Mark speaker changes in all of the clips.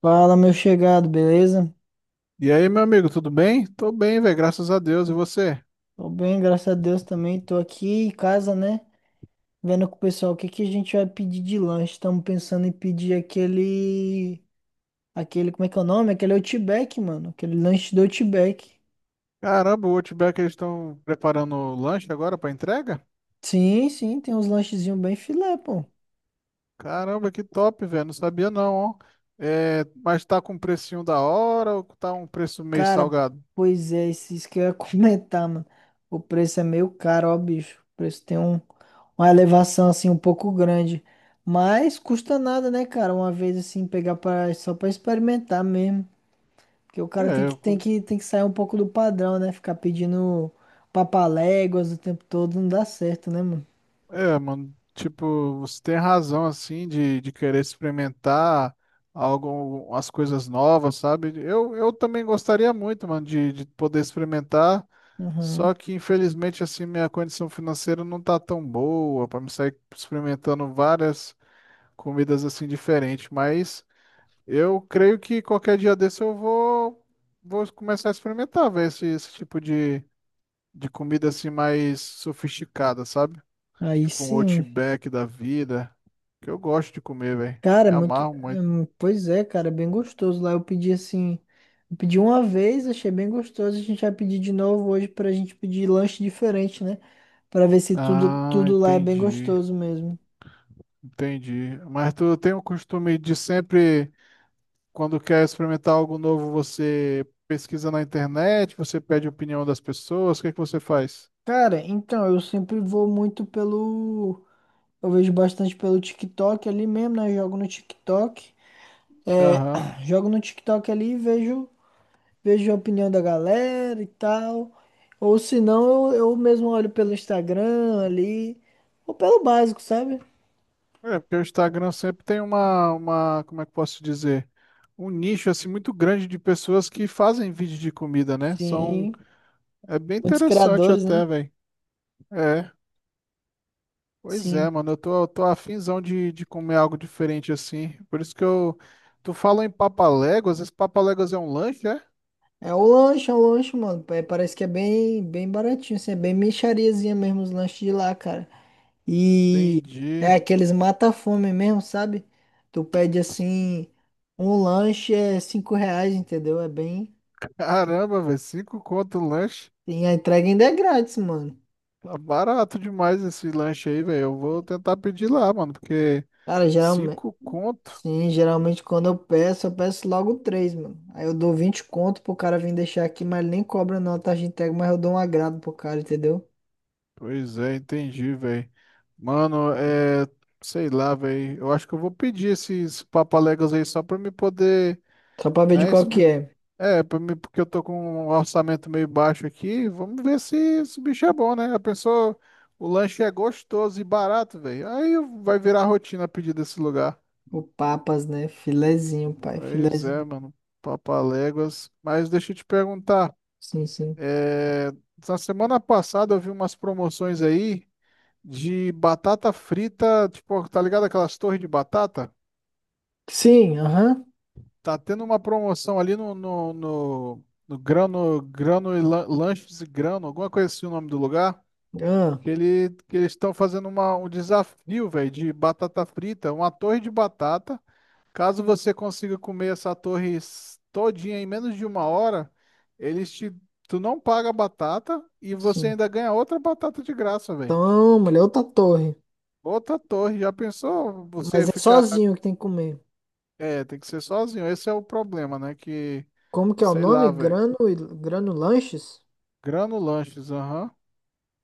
Speaker 1: Fala, meu chegado, beleza?
Speaker 2: E aí, meu amigo, tudo bem? Tô bem, velho, graças a Deus. E você?
Speaker 1: Tô bem, graças a Deus também. Tô aqui em casa, né? Vendo com o pessoal o que que a gente vai pedir de lanche. Estamos pensando em pedir aquele. Aquele, como é que é o nome? Aquele Outback, mano. Aquele lanche do Outback.
Speaker 2: Caramba, o Outback, eles estão preparando o lanche agora pra entrega?
Speaker 1: Sim, sim, tem uns lanchezinhos bem filé, pô.
Speaker 2: Caramba, que top, velho. Não sabia não, ó. É, mas tá com um precinho da hora ou tá um preço meio
Speaker 1: Cara,
Speaker 2: salgado?
Speaker 1: pois é, isso que eu ia comentar, mano. O preço é meio caro, ó, bicho. O preço tem uma elevação, assim, um pouco grande. Mas custa nada, né, cara? Uma vez, assim, pegar só pra experimentar mesmo. Porque o cara tem
Speaker 2: É,
Speaker 1: que,
Speaker 2: eu
Speaker 1: tem
Speaker 2: com-
Speaker 1: que, tem que sair um pouco do padrão, né? Ficar pedindo papaléguas o tempo todo não dá certo, né, mano?
Speaker 2: Mano, tipo, você tem razão, assim, de querer experimentar algo, as coisas novas, sabe? Eu também gostaria muito, mano, de poder experimentar, só
Speaker 1: Aham.
Speaker 2: que, infelizmente, assim, minha condição financeira não tá tão boa pra me sair experimentando várias comidas, assim, diferentes, mas eu creio que qualquer dia desse vou começar a experimentar, ver esse tipo de comida, assim, mais sofisticada, sabe?
Speaker 1: Aí
Speaker 2: Tipo um
Speaker 1: sim.
Speaker 2: Outback da vida. Que eu gosto de comer, velho.
Speaker 1: Cara, é
Speaker 2: Me
Speaker 1: muito.
Speaker 2: amarro muito.
Speaker 1: Pois é, cara, é bem gostoso lá. Eu pedi assim. Eu pedi uma vez, achei bem gostoso. A gente vai pedir de novo hoje pra gente pedir lanche diferente, né? Pra ver se tudo,
Speaker 2: Ah,
Speaker 1: tudo lá é bem
Speaker 2: entendi.
Speaker 1: gostoso mesmo.
Speaker 2: Entendi. Mas tu tem o costume de sempre, quando quer experimentar algo novo, você pesquisa na internet, você pede opinião das pessoas, o que é que você faz?
Speaker 1: Cara, então, eu sempre vou muito pelo. Eu vejo bastante pelo TikTok ali mesmo, né? Jogo no TikTok. É,
Speaker 2: Aham.
Speaker 1: jogo no TikTok ali e vejo a opinião da galera e tal. Ou se não, eu mesmo olho pelo Instagram ali, ou pelo básico, sabe?
Speaker 2: É, porque o Instagram sempre tem uma, como é que eu posso dizer? Um nicho assim muito grande de pessoas que fazem vídeo de comida, né? São,
Speaker 1: Sim,
Speaker 2: é bem
Speaker 1: muitos
Speaker 2: interessante
Speaker 1: criadores, né?
Speaker 2: até, velho. É. Pois
Speaker 1: Sim.
Speaker 2: é, mano, eu tô afinzão de comer algo diferente assim. Por isso que eu. Tu fala em papaléguas, esse papaléguas é um lanche, é?
Speaker 1: É o lanche, mano. É, parece que é bem, bem baratinho, assim, é bem mixariazinha mesmo os lanches de lá, cara. E
Speaker 2: Entendi.
Speaker 1: é aqueles mata-fome mesmo, sabe? Tu pede assim, um lanche é R$ 5, entendeu? É bem.
Speaker 2: Caramba, velho, cinco conto o lanche.
Speaker 1: E a entrega ainda é grátis, mano.
Speaker 2: Tá barato demais esse lanche aí, velho. Eu vou tentar pedir lá, mano, porque
Speaker 1: Cara,
Speaker 2: cinco conto.
Speaker 1: sim, geralmente quando eu peço logo três, mano. Aí eu dou 20 conto pro cara vir deixar aqui, mas ele nem cobra não a taxa de entrega, mas eu dou um agrado pro cara, entendeu?
Speaker 2: Pois é, entendi, velho. Mano, é. Sei lá, velho. Eu acho que eu vou pedir esses papaléguas aí só pra me poder,
Speaker 1: Só pra ver de
Speaker 2: né?
Speaker 1: qual que é.
Speaker 2: É, pra mim, porque eu tô com um orçamento meio baixo aqui. Vamos ver se esse bicho é bom, né? A pessoa, o lanche é gostoso e barato, velho. Aí vai virar rotina pedir desse lugar.
Speaker 1: O Papas, né? Filezinho, pai,
Speaker 2: Pois é,
Speaker 1: filezinho.
Speaker 2: mano. Papaléguas. Mas deixa eu te perguntar.
Speaker 1: Sim, sim.
Speaker 2: é, Na semana passada eu vi umas promoções aí de batata frita. Tipo, tá ligado aquelas torres de batata?
Speaker 1: Sim, aham.
Speaker 2: Tá tendo uma promoção ali no Grano, Lanches e Grano, alguma coisa assim o nome do lugar.
Speaker 1: Ah,
Speaker 2: Que, ele, que eles estão fazendo uma, um desafio, velho, de batata frita, uma torre de batata. Caso você consiga comer todinha em menos de uma hora, eles te, tu não paga a batata e você
Speaker 1: sim.
Speaker 2: ainda ganha outra batata de graça, velho.
Speaker 1: Então, mulher, outra torre.
Speaker 2: Outra torre. Já pensou você
Speaker 1: Mas é
Speaker 2: ficar.
Speaker 1: sozinho que tem que comer.
Speaker 2: É, tem que ser sozinho. Esse é o problema, né? Que,
Speaker 1: Como que é o
Speaker 2: sei
Speaker 1: nome?
Speaker 2: lá, velho.
Speaker 1: Grano Lanches?
Speaker 2: Grano Lanches, aham.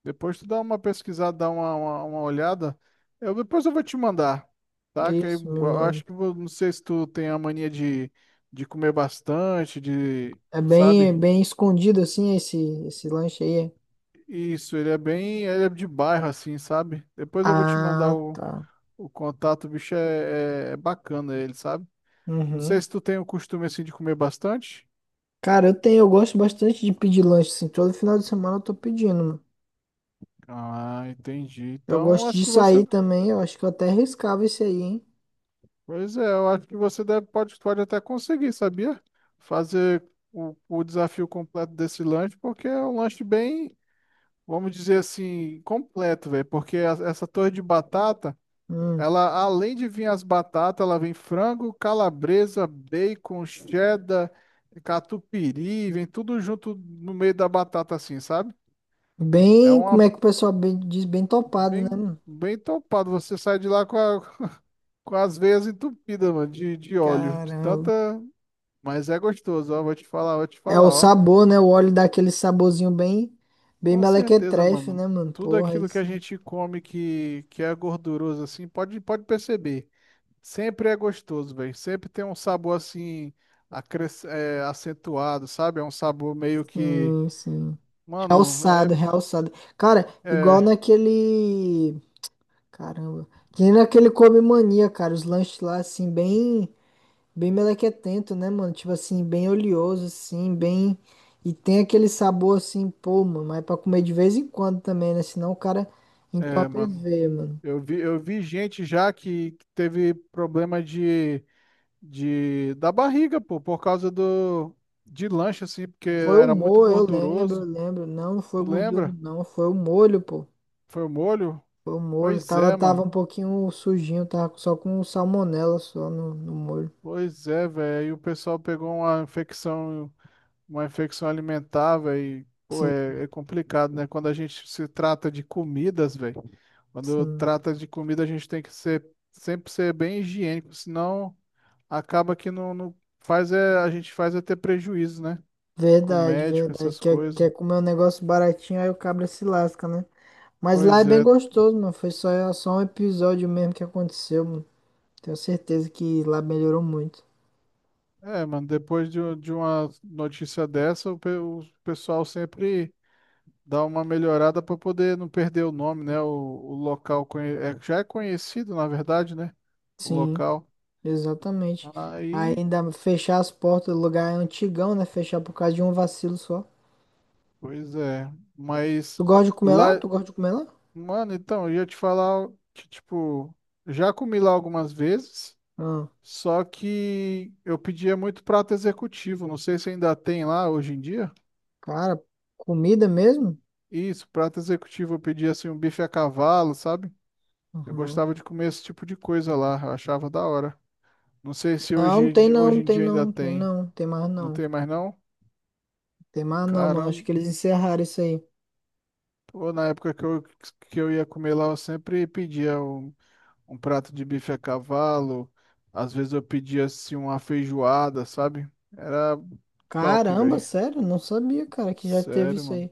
Speaker 2: Depois tu dá uma pesquisada, dá uma olhada. Eu, depois eu vou te mandar, tá? Que aí
Speaker 1: Isso, me
Speaker 2: eu
Speaker 1: manda.
Speaker 2: acho que não sei se tu tem a mania de comer bastante, de,
Speaker 1: É bem,
Speaker 2: sabe?
Speaker 1: bem escondido assim esse lanche aí. É?
Speaker 2: Isso, ele é bem, ele é de bairro assim, sabe? Depois eu vou te mandar
Speaker 1: Ah, tá.
Speaker 2: o contato, o bicho é bacana ele, sabe? Não sei
Speaker 1: Uhum.
Speaker 2: se tu tem o costume assim de comer bastante.
Speaker 1: Cara, eu gosto bastante de pedir lanche, assim, todo final de semana eu tô pedindo, mano.
Speaker 2: Ah, entendi.
Speaker 1: Eu
Speaker 2: Então
Speaker 1: gosto
Speaker 2: acho
Speaker 1: de
Speaker 2: que você.
Speaker 1: sair também, eu acho que eu até riscava esse aí, hein?
Speaker 2: Pois é, eu acho que você deve, pode até conseguir, sabia? Fazer o desafio completo desse lanche, porque é um lanche bem, vamos dizer assim, completo, velho. Porque essa torre de batata,
Speaker 1: Hum.
Speaker 2: ela, além de vir as batatas, ela vem frango, calabresa, bacon, cheddar, catupiry, vem tudo junto no meio da batata, assim, sabe? É
Speaker 1: Bem, como
Speaker 2: uma
Speaker 1: é que o pessoal diz, bem topado, né,
Speaker 2: bem,
Speaker 1: mano?
Speaker 2: bem topado. Você sai de lá com, com as veias entupidas, mano, de óleo, de
Speaker 1: Caramba.
Speaker 2: tanta. Mas é gostoso, ó. Vou te
Speaker 1: É o
Speaker 2: falar, ó.
Speaker 1: sabor, né? O óleo dá aquele saborzinho bem, bem
Speaker 2: Com certeza,
Speaker 1: melequetrefe,
Speaker 2: mano.
Speaker 1: né, mano?
Speaker 2: Tudo
Speaker 1: Porra, aí
Speaker 2: aquilo que a
Speaker 1: sim,
Speaker 2: gente come que é gorduroso, assim, pode perceber. Sempre é gostoso, velho. Sempre tem um sabor, assim, acentuado, sabe? É um sabor meio que.
Speaker 1: sim, sim.
Speaker 2: Mano, é.
Speaker 1: Realçado, realçado. Cara, igual
Speaker 2: É,
Speaker 1: naquele. Caramba. Que nem naquele Come Mania, cara, os lanches lá, assim, bem, bem melequetento, né, mano? Tipo assim, bem oleoso, assim, bem. E tem aquele sabor assim, pô, mano, mas é pra comer de vez em quando também, né? Senão o cara
Speaker 2: é,
Speaker 1: entope as
Speaker 2: mano.
Speaker 1: veias, mano.
Speaker 2: Eu vi gente já que teve problema de, de. Da barriga, pô, por causa do. De lanche, assim, porque
Speaker 1: Foi o
Speaker 2: era muito
Speaker 1: molho, eu lembro, eu
Speaker 2: gorduroso.
Speaker 1: lembro. Não, não foi
Speaker 2: Tu
Speaker 1: gordura,
Speaker 2: lembra?
Speaker 1: não. Foi o molho, pô.
Speaker 2: Foi o molho?
Speaker 1: Foi o molho.
Speaker 2: Pois
Speaker 1: Tava,
Speaker 2: é,
Speaker 1: tava
Speaker 2: mano.
Speaker 1: um pouquinho sujinho, tava só com salmonela só no molho.
Speaker 2: Pois é, velho. Aí o pessoal pegou uma infecção alimentar, velho. Pô,
Speaker 1: Sim,
Speaker 2: é, é complicado, né? Quando a gente se trata de comidas, velho. Quando
Speaker 1: sim.
Speaker 2: trata de comida, a gente tem que ser sempre ser bem higiênico, senão acaba que não, não faz é, a gente faz é ter prejuízo, né? Com
Speaker 1: Verdade,
Speaker 2: médico,
Speaker 1: verdade.
Speaker 2: essas coisas.
Speaker 1: Quer comer um negócio baratinho, aí o cabra se lasca, né? Mas lá é
Speaker 2: Pois
Speaker 1: bem
Speaker 2: é.
Speaker 1: gostoso, mano. Foi só, só um episódio mesmo que aconteceu, mano. Tenho certeza que lá melhorou muito.
Speaker 2: É, mano, depois de, de uma notícia dessa, o pessoal sempre dar uma melhorada para poder não perder o nome, né? O local já é conhecido, na verdade, né? O
Speaker 1: Sim,
Speaker 2: local.
Speaker 1: exatamente. Aí
Speaker 2: Aí,
Speaker 1: ainda fechar as portas do lugar é antigão, né? Fechar por causa de um vacilo só.
Speaker 2: pois é. Mas
Speaker 1: Tu gosta de comer lá?
Speaker 2: lá,
Speaker 1: Tu gosta de comer lá?
Speaker 2: mano, então, eu ia te falar que, tipo, já comi lá algumas vezes,
Speaker 1: Ah,
Speaker 2: só que eu pedia muito prato executivo. Não sei se ainda tem lá hoje em dia.
Speaker 1: cara, comida mesmo?
Speaker 2: Isso, prato executivo, eu pedia assim um bife a cavalo, sabe? Eu
Speaker 1: Uhum.
Speaker 2: gostava de comer esse tipo de coisa lá, eu achava da hora. Não sei se
Speaker 1: Não, não tem não, não
Speaker 2: hoje em
Speaker 1: tem
Speaker 2: dia
Speaker 1: não,
Speaker 2: ainda
Speaker 1: não tem
Speaker 2: tem.
Speaker 1: não, tem mais
Speaker 2: Não
Speaker 1: não.
Speaker 2: tem mais não?
Speaker 1: Tem mais não, mano. Acho
Speaker 2: Caramba,
Speaker 1: que eles encerraram isso aí.
Speaker 2: pô, na época que eu ia comer lá, eu sempre pedia um prato de bife a cavalo. Às vezes eu pedia assim uma feijoada, sabe? Era top,
Speaker 1: Caramba,
Speaker 2: velho.
Speaker 1: sério? Não sabia, cara, que já teve
Speaker 2: Sério,
Speaker 1: isso
Speaker 2: mano.
Speaker 1: aí.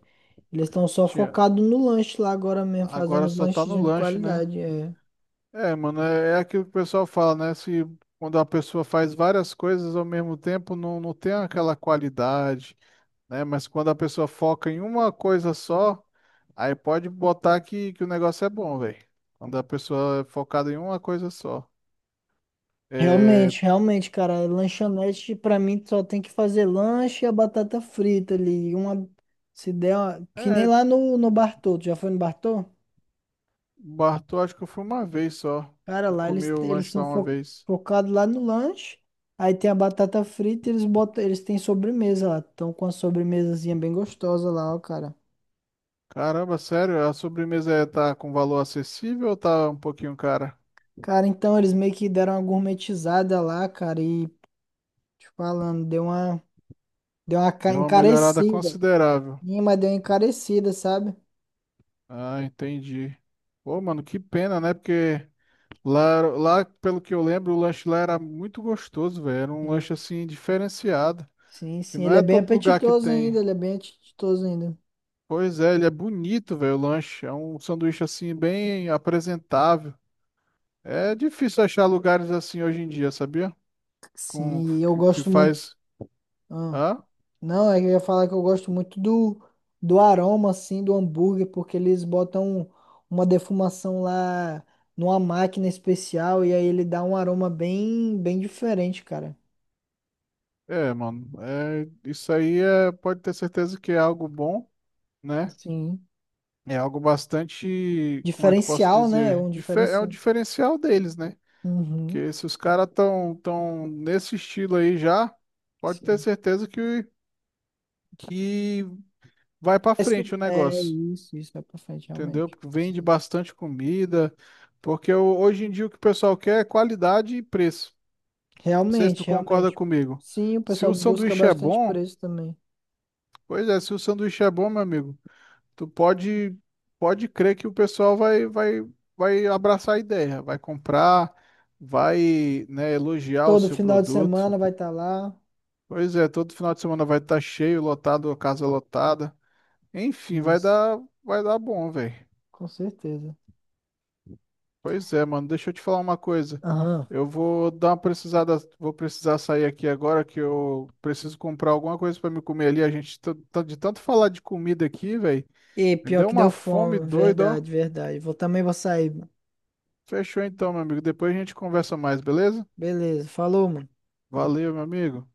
Speaker 1: Eles estão só
Speaker 2: Tinha...
Speaker 1: focados no lanche lá agora mesmo, fazendo
Speaker 2: Agora
Speaker 1: os
Speaker 2: só tá
Speaker 1: lanches
Speaker 2: no
Speaker 1: de
Speaker 2: lanche, né?
Speaker 1: qualidade. É.
Speaker 2: É, mano, é, é aquilo que o pessoal fala, né? Se quando a pessoa faz várias coisas ao mesmo tempo, não, não tem aquela qualidade, né? Mas quando a pessoa foca em uma coisa só, aí pode botar que o negócio é bom, velho. Quando a pessoa é focada em uma coisa só. É,
Speaker 1: Realmente, realmente, cara. Lanchonete, pra mim, só tem que fazer lanche e a batata frita ali. Se der uma, que nem
Speaker 2: é,
Speaker 1: lá no Bartô. Tu já foi no Bartô?
Speaker 2: Bartô, acho que eu fui uma vez só.
Speaker 1: Cara,
Speaker 2: Eu
Speaker 1: lá
Speaker 2: comi o
Speaker 1: eles
Speaker 2: lanche lá
Speaker 1: são
Speaker 2: uma vez.
Speaker 1: focados lá no lanche. Aí tem a batata frita e eles têm sobremesa lá. Estão com a sobremesazinha bem gostosa lá, ó, cara.
Speaker 2: Caramba, sério, a sobremesa tá com valor acessível ou tá um pouquinho cara?
Speaker 1: Cara, então eles meio que deram uma gourmetizada lá, cara, e te falando, deu uma
Speaker 2: Deu uma melhorada
Speaker 1: encarecida.
Speaker 2: considerável.
Speaker 1: Sim, mas deu uma encarecida, sabe?
Speaker 2: Ah, entendi. Pô, mano, que pena, né? Porque lá, pelo que eu lembro, o lanche lá era muito gostoso, velho. Era um
Speaker 1: Sim,
Speaker 2: lanche assim diferenciado.
Speaker 1: sim,
Speaker 2: Que
Speaker 1: sim.
Speaker 2: não
Speaker 1: Ele é
Speaker 2: é
Speaker 1: bem
Speaker 2: todo lugar que
Speaker 1: apetitoso
Speaker 2: tem.
Speaker 1: ainda, ele é bem apetitoso ainda.
Speaker 2: Pois é, ele é bonito, velho, o lanche. É um sanduíche assim, bem apresentável. É difícil achar lugares assim hoje em dia, sabia? Com,
Speaker 1: Sim, e eu
Speaker 2: que
Speaker 1: gosto muito.
Speaker 2: faz.
Speaker 1: Ah,
Speaker 2: Ah,
Speaker 1: não, é que eu ia falar que eu gosto muito do aroma, assim, do hambúrguer, porque eles botam uma defumação lá numa máquina especial e aí ele dá um aroma bem, bem diferente, cara.
Speaker 2: é, mano. É, isso aí é, pode ter certeza que é algo bom, né?
Speaker 1: Sim.
Speaker 2: É algo bastante, como é que eu posso
Speaker 1: Diferencial, né? É
Speaker 2: dizer?
Speaker 1: um
Speaker 2: É o
Speaker 1: diferencial.
Speaker 2: diferencial deles, né?
Speaker 1: Uhum,
Speaker 2: Que se os caras estão tão nesse estilo aí já, pode ter
Speaker 1: sim.
Speaker 2: certeza que vai pra frente o
Speaker 1: É
Speaker 2: negócio.
Speaker 1: isso, isso é pra frente,
Speaker 2: Entendeu?
Speaker 1: realmente.
Speaker 2: Porque vende
Speaker 1: Sim.
Speaker 2: bastante comida, porque hoje em dia o que o pessoal quer é qualidade e preço. Não sei se
Speaker 1: Realmente,
Speaker 2: tu concorda
Speaker 1: realmente.
Speaker 2: comigo.
Speaker 1: Sim, o
Speaker 2: Se
Speaker 1: pessoal
Speaker 2: o
Speaker 1: busca
Speaker 2: sanduíche é
Speaker 1: bastante por
Speaker 2: bom,
Speaker 1: isso também.
Speaker 2: pois é, se o sanduíche é bom, meu amigo, tu pode pode crer que o pessoal vai vai abraçar a ideia, vai comprar, vai, né, elogiar o
Speaker 1: Todo
Speaker 2: seu
Speaker 1: final de
Speaker 2: produto.
Speaker 1: semana vai estar lá.
Speaker 2: Pois é, todo final de semana vai estar cheio, lotado, a casa lotada. Enfim,
Speaker 1: Isso,
Speaker 2: vai dar bom, velho.
Speaker 1: com certeza.
Speaker 2: Pois é, mano, deixa eu te falar uma coisa.
Speaker 1: Aham.
Speaker 2: Eu vou dar uma precisada, vou precisar sair aqui agora que eu preciso comprar alguma coisa pra me comer ali. A gente de tanto falar de comida aqui, velho,
Speaker 1: E
Speaker 2: me
Speaker 1: pior
Speaker 2: deu
Speaker 1: que
Speaker 2: uma
Speaker 1: deu
Speaker 2: fome
Speaker 1: fome,
Speaker 2: doida, ó.
Speaker 1: verdade, verdade. Vou sair, mano.
Speaker 2: Fechou então, meu amigo. Depois a gente conversa mais, beleza?
Speaker 1: Beleza, falou, mano.
Speaker 2: Valeu, meu amigo.